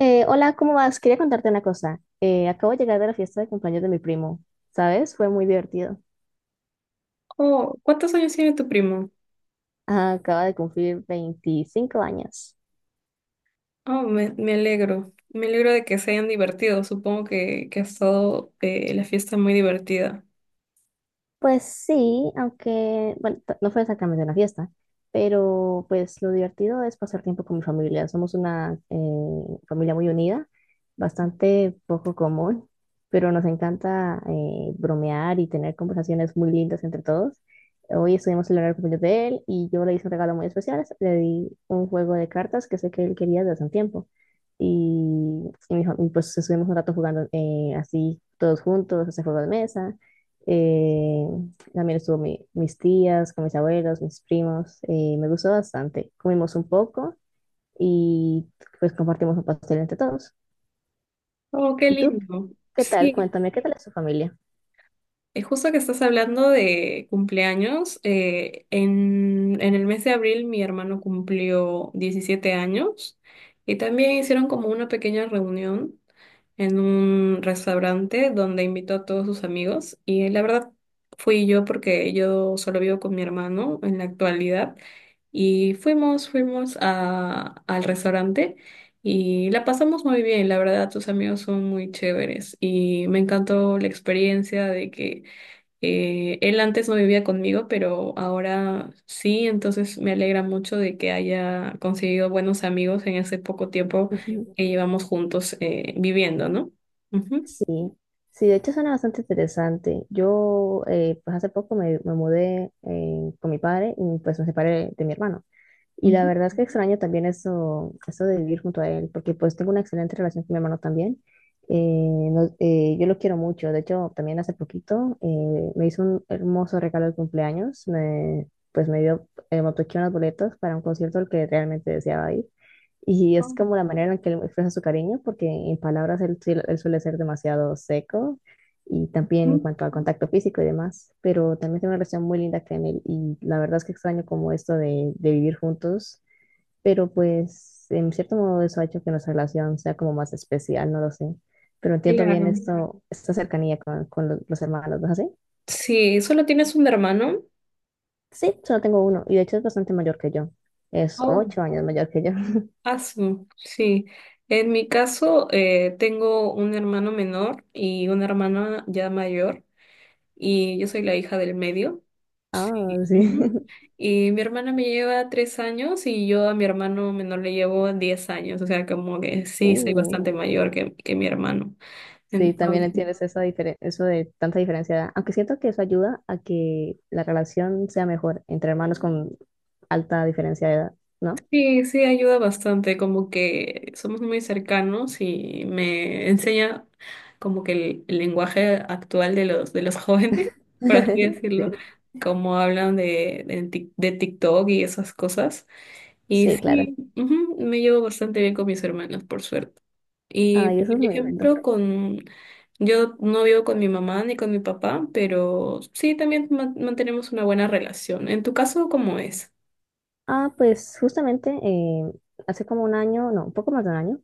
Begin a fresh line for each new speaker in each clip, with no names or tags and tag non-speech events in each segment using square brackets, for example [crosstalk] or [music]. Hola, ¿cómo vas? Quería contarte una cosa. Acabo de llegar de la fiesta de cumpleaños de mi primo, ¿sabes? Fue muy divertido.
Oh, ¿cuántos años tiene tu primo?
Ah, acaba de cumplir 25 años.
Oh, me alegro. Me alegro de que se hayan divertido. Supongo que ha estado la fiesta muy divertida.
Pues sí, aunque, bueno, no fue exactamente una fiesta, pero pues lo divertido es pasar tiempo con mi familia. Somos una familia muy unida, bastante poco común, pero nos encanta bromear y tener conversaciones muy lindas entre todos. Hoy estuvimos celebrando el cumpleaños de él y yo le hice un regalo muy especial. Le di un juego de cartas que sé que él quería desde hace un tiempo. Pues estuvimos un rato jugando así todos juntos, ese juego de mesa. Eh, También estuvo mis tías, con mis abuelos, mis primos. Me gustó bastante. Comimos un poco y pues compartimos un pastel entre todos.
Oh, qué
¿Y tú?
lindo.
¿Qué tal?
Sí,
Cuéntame, ¿qué tal es tu familia?
es justo que estás hablando de cumpleaños. En el mes de abril mi hermano cumplió 17 años y también hicieron como una pequeña reunión en un restaurante donde invitó a todos sus amigos, y la verdad fui yo porque yo solo vivo con mi hermano en la actualidad. Y fuimos al restaurante y la pasamos muy bien. La verdad, tus amigos son muy chéveres y me encantó la experiencia de que él antes no vivía conmigo, pero ahora sí. Entonces me alegra mucho de que haya conseguido buenos amigos en ese poco tiempo
Ujú.
que llevamos juntos viviendo, no. Ujú,
Sí, sí, de hecho suena bastante interesante. Pues hace poco me mudé con mi padre y pues me separé de mi hermano. Y la
ujú.
verdad es que extraño también eso de vivir junto a él, porque pues tengo una excelente relación con mi hermano también. Yo lo quiero mucho, de hecho también hace poquito me hizo un hermoso regalo de cumpleaños, pues me dio, me obsequió unas boletas para un concierto al que realmente deseaba ir. Y es
Oh,
como la manera en que él expresa su cariño, porque en palabras él, suele ser demasiado seco y también en
mm,
cuanto al contacto físico y demás, pero también tengo una relación muy linda con él y la verdad es que extraño como esto de vivir juntos, pero pues en cierto modo eso ha hecho que nuestra relación sea como más especial, no lo sé, pero entiendo bien
claro.
esto, esta cercanía con los hermanos, ¿no es así?
Sí, solo tienes un hermano.
Sí, solo tengo uno y de hecho es bastante mayor que yo, es
Oh,
8 años mayor que yo. [laughs]
ah, sí. En mi caso, tengo un hermano menor y una hermana ya mayor, y yo soy la hija del medio. Sí.
Ah, sí.
Ujú.
[laughs]
Y mi hermana me lleva tres años y yo a mi hermano menor le llevo diez años. O sea, como que sí, soy
Uh,
bastante mayor que mi hermano.
Sí, también
Entonces,
entiendes esa eso de tanta diferencia de edad. Aunque siento que eso ayuda a que la relación sea mejor entre hermanos con alta diferencia de edad, ¿no?
sí, sí, ayuda bastante, como que somos muy cercanos y me enseña como que el lenguaje actual de los jóvenes, [laughs] por así
[laughs]
decirlo,
Sí,
como hablan de TikTok y esas cosas. Y
sí, claro.
sí, ujú, me llevo bastante bien con mis hermanos, por suerte. Y
Ay,
por
eso es muy lindo.
ejemplo, con yo no vivo con mi mamá ni con mi papá, pero sí también mantenemos una buena relación. En tu caso, ¿cómo es?
Ah, pues justamente hace como un año, no, un poco más de un año,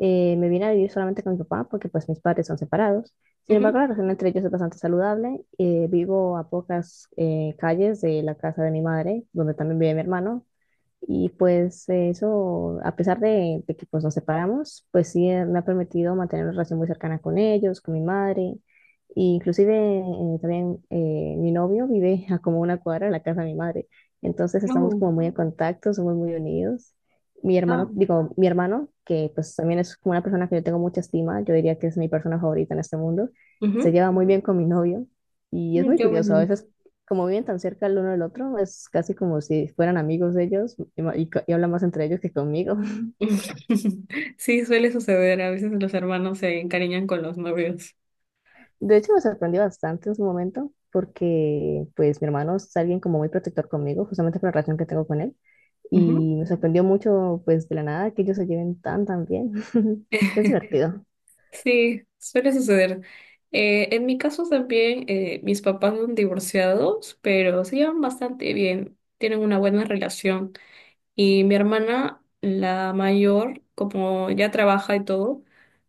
me vine a vivir solamente con mi papá porque pues mis padres son separados. Sin embargo,
Ujú,
la relación entre ellos es bastante saludable. Vivo a pocas calles de la casa de mi madre, donde también vive mi hermano. Y pues eso, a pesar de que pues nos separamos, pues sí me ha permitido mantener una relación muy cercana con ellos, con mi madre. E inclusive también mi novio vive a como una cuadra de la casa de mi madre. Entonces estamos
oh,
como muy en contacto, somos muy unidos.
ah,
Mi hermano, que pues también es como una persona que yo tengo mucha estima, yo diría que es mi persona favorita en este mundo, se
ujú.
lleva muy bien con mi novio. Y es muy
Qué
curioso, a
bueno.
veces como viven tan cerca el uno del otro, es casi como si fueran amigos de ellos y hablan más entre ellos que conmigo. [laughs]
[laughs] Sí, suele suceder. A veces los hermanos se encariñan con los novios.
De hecho, me sorprendió bastante en su momento porque pues mi hermano es alguien como muy protector conmigo, justamente por la relación que tengo con él.
Ujú.
Y me sorprendió mucho pues de la nada que ellos se lleven tan tan bien. [laughs] Es
[laughs]
divertido.
Sí, suele suceder. En mi caso también, mis papás son divorciados, pero se llevan bastante bien, tienen una buena relación. Y mi hermana, la mayor, como ya trabaja y todo,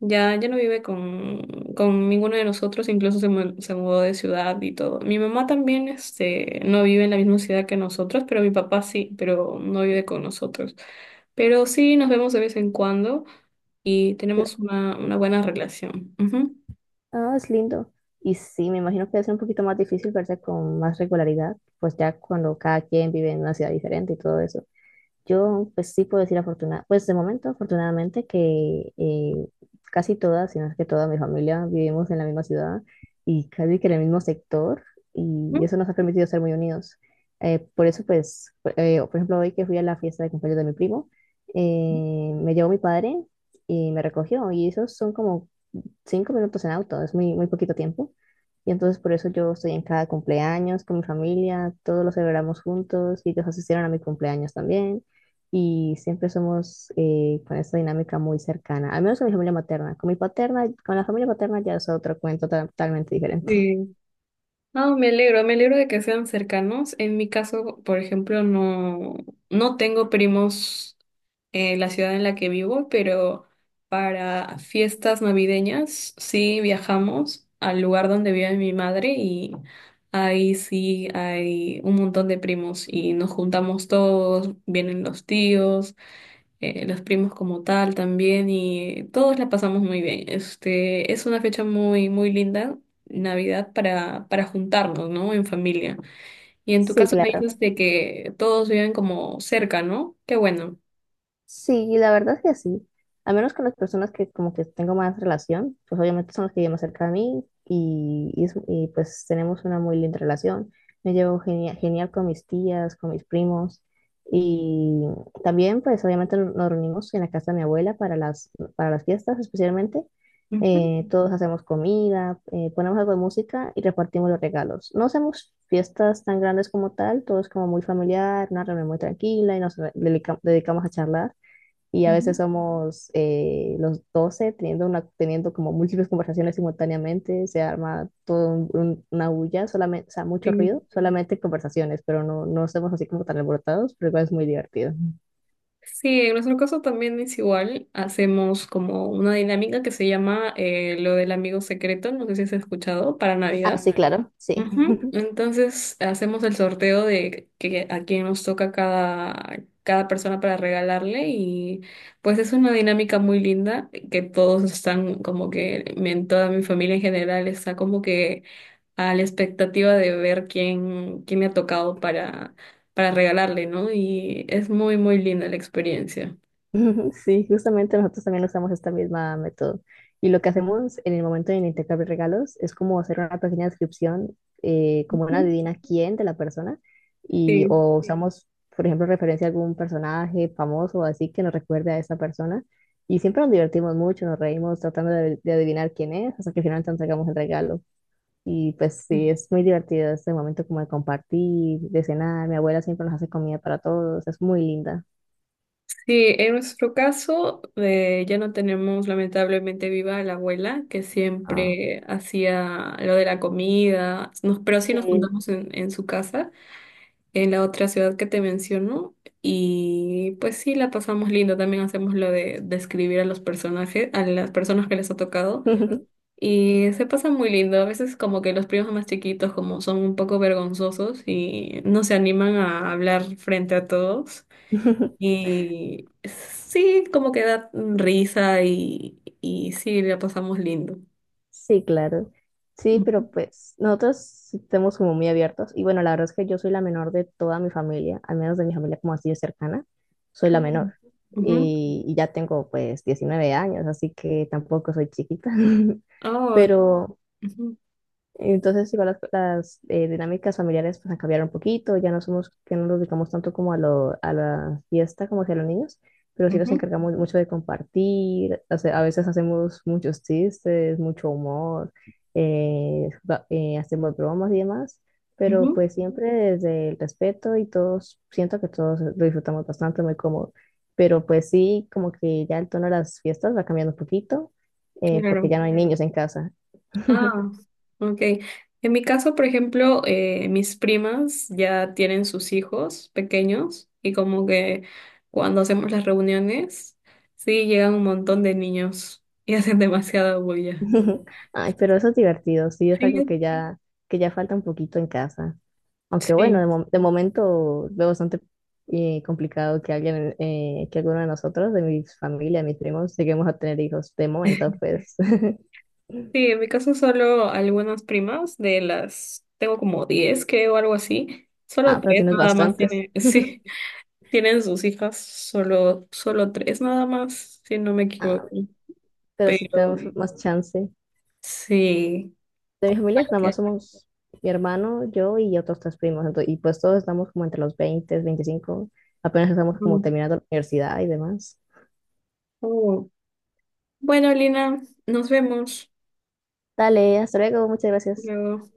ya no vive con ninguno de nosotros. Incluso se, se mudó de ciudad y todo. Mi mamá también, este, no vive en la misma ciudad que nosotros, pero mi papá sí, pero no vive con nosotros. Pero sí nos vemos de vez en cuando y
Pero-
tenemos una buena relación. Ujú.
Ah, es lindo. Y sí, me imagino que va a ser un poquito más difícil verse con más regularidad, pues ya cuando cada quien vive en una ciudad diferente y todo eso. Yo, pues sí puedo decir afortunada, pues de momento, afortunadamente, que casi todas, si no es que toda mi familia, vivimos en la misma ciudad y casi que en el mismo sector, y
Ujú.
eso nos ha permitido ser muy unidos. Por eso, pues, por Por ejemplo, hoy que fui a la fiesta de cumpleaños de mi primo, me llevó mi padre y me recogió, y esos son como 5 minutos en auto, es muy, muy poquito tiempo. Y entonces por eso yo estoy en cada cumpleaños con mi familia, todos lo celebramos juntos y ellos asistieron a mi cumpleaños también. Y siempre somos con esta dinámica muy cercana, al menos con mi familia materna. Con mi paterna, con la familia paterna ya es otro cuento totalmente diferente. [laughs]
Sí. No, me alegro de que sean cercanos. En mi caso, por ejemplo, no, no tengo primos en la ciudad en la que vivo, pero para fiestas navideñas sí viajamos al lugar donde vive mi madre, y ahí sí hay un montón de primos y nos juntamos todos. Vienen los tíos, los primos como tal también, y todos la pasamos muy bien. Este, es una fecha muy, muy linda, Navidad, para juntarnos, ¿no? En familia. Y en tu
Sí,
caso me
claro.
dices de que todos viven como cerca, ¿no? Qué bueno.
Sí, la verdad es que sí. Al menos con las personas que como que tengo más relación, pues obviamente son los que viven más cerca de mí pues tenemos una muy linda relación. Me llevo genial con mis tías, con mis primos y también pues obviamente nos reunimos en la casa de mi abuela para para las fiestas especialmente.
Ujú,
Todos hacemos comida, ponemos algo de música y repartimos los regalos. No hacemos fiestas tan grandes como tal, todo es como muy familiar, una reunión muy tranquila y nos dedicamos a charlar y a veces
ujú.
somos los 12 teniendo, teniendo como múltiples conversaciones simultáneamente, se arma todo una bulla, solamente, o sea, mucho
Sí.
ruido, solamente conversaciones, pero no, no somos así como tan alborotados, pero igual es muy divertido.
Sí, en nuestro caso también es igual. Hacemos como una dinámica que se llama lo del amigo secreto, no sé si has escuchado, para
Ah,
Navidad.
sí, claro, sí.
Ujú. Entonces hacemos el sorteo de que, a quién nos toca cada persona para regalarle. Y pues es una dinámica muy linda que todos están como que, toda mi familia en general está como que a la expectativa de ver quién me ha tocado para regalarle, ¿no? Y es muy, muy linda la experiencia.
[laughs] Sí, justamente nosotros también usamos esta misma método. Y lo que hacemos en el momento del intercambio de regalos es como hacer una pequeña descripción, como una
Ujú.
adivina quién de la persona, y
Sí.
o sí. Usamos, por ejemplo, referencia a algún personaje famoso o así que nos recuerde a esa persona. Y siempre nos divertimos mucho, nos reímos tratando de adivinar quién es, hasta que finalmente entregamos el regalo. Y pues sí, es muy divertido este momento como de compartir, de cenar. Mi abuela siempre nos hace comida para todos, es muy linda.
Sí, en nuestro caso ya no tenemos lamentablemente viva a la abuela que
Ah.
siempre hacía lo de la comida, pero sí nos
Sí.
juntamos en su casa, en la otra ciudad que te menciono. Y pues sí la pasamos lindo, también hacemos lo de describir a los personajes, a las personas que les ha tocado,
[laughs]
y se pasa muy lindo. A veces como que los primos más chiquitos como son un poco vergonzosos y no se animan a hablar frente a todos. Y sí, como que da risa y sí, la pasamos lindo.
Sí, claro. Sí, pero pues nosotros sí estamos como muy abiertos. Y bueno, la verdad es que yo soy la menor de toda mi familia, al menos de mi familia como así de cercana, soy la
Ujú,
menor.
ujú.
Y ya tengo pues 19 años, así que tampoco soy chiquita. [laughs]
Ah,
Pero,
ujú,
entonces, igual dinámicas familiares pues han cambiado un poquito, ya no somos, que no nos dedicamos tanto como a la fiesta como que a los niños, pero sí nos
ujú,
encargamos mucho de compartir, a veces hacemos muchos chistes, mucho humor, hacemos bromas y demás, pero
ujú.
pues siempre desde el respeto y todos, siento que todos lo disfrutamos bastante, muy cómodo, pero pues sí, como que ya el tono de las fiestas va cambiando un poquito, porque
Claro.
ya no hay niños en casa. [laughs]
Ah, ok. En mi caso, por ejemplo, mis primas ya tienen sus hijos pequeños, y como que cuando hacemos las reuniones, sí, llegan un montón de niños y hacen demasiada bulla.
[laughs] Ay, pero eso es divertido, sí, es
Sí,
algo que ya falta un poquito en casa. Aunque bueno,
sí.
de momento veo bastante complicado que alguien, que alguno de nosotros, de mi familia, mis primos, lleguemos a tener hijos. De momento,
[laughs]
pues. [laughs]
Sí, en mi caso solo algunas primas de las, tengo como 10 creo, algo así. Solo
Ah, pero
tres
tienes
nada más
bastantes.
tienen, [laughs] sí, tienen sus hijas. Solo tres nada más, si no me
Ah,
equivoco.
pero sí
Pero
tenemos más chance.
sí.
De mi familia nada más
Ok.
somos mi hermano, yo y otros 3 primos. Y pues todos estamos como entre los 20, 25. Apenas estamos como
Mm.
terminando la universidad y demás.
Oh. Bueno, Lina, nos vemos
Dale, hasta luego, muchas gracias.
luego.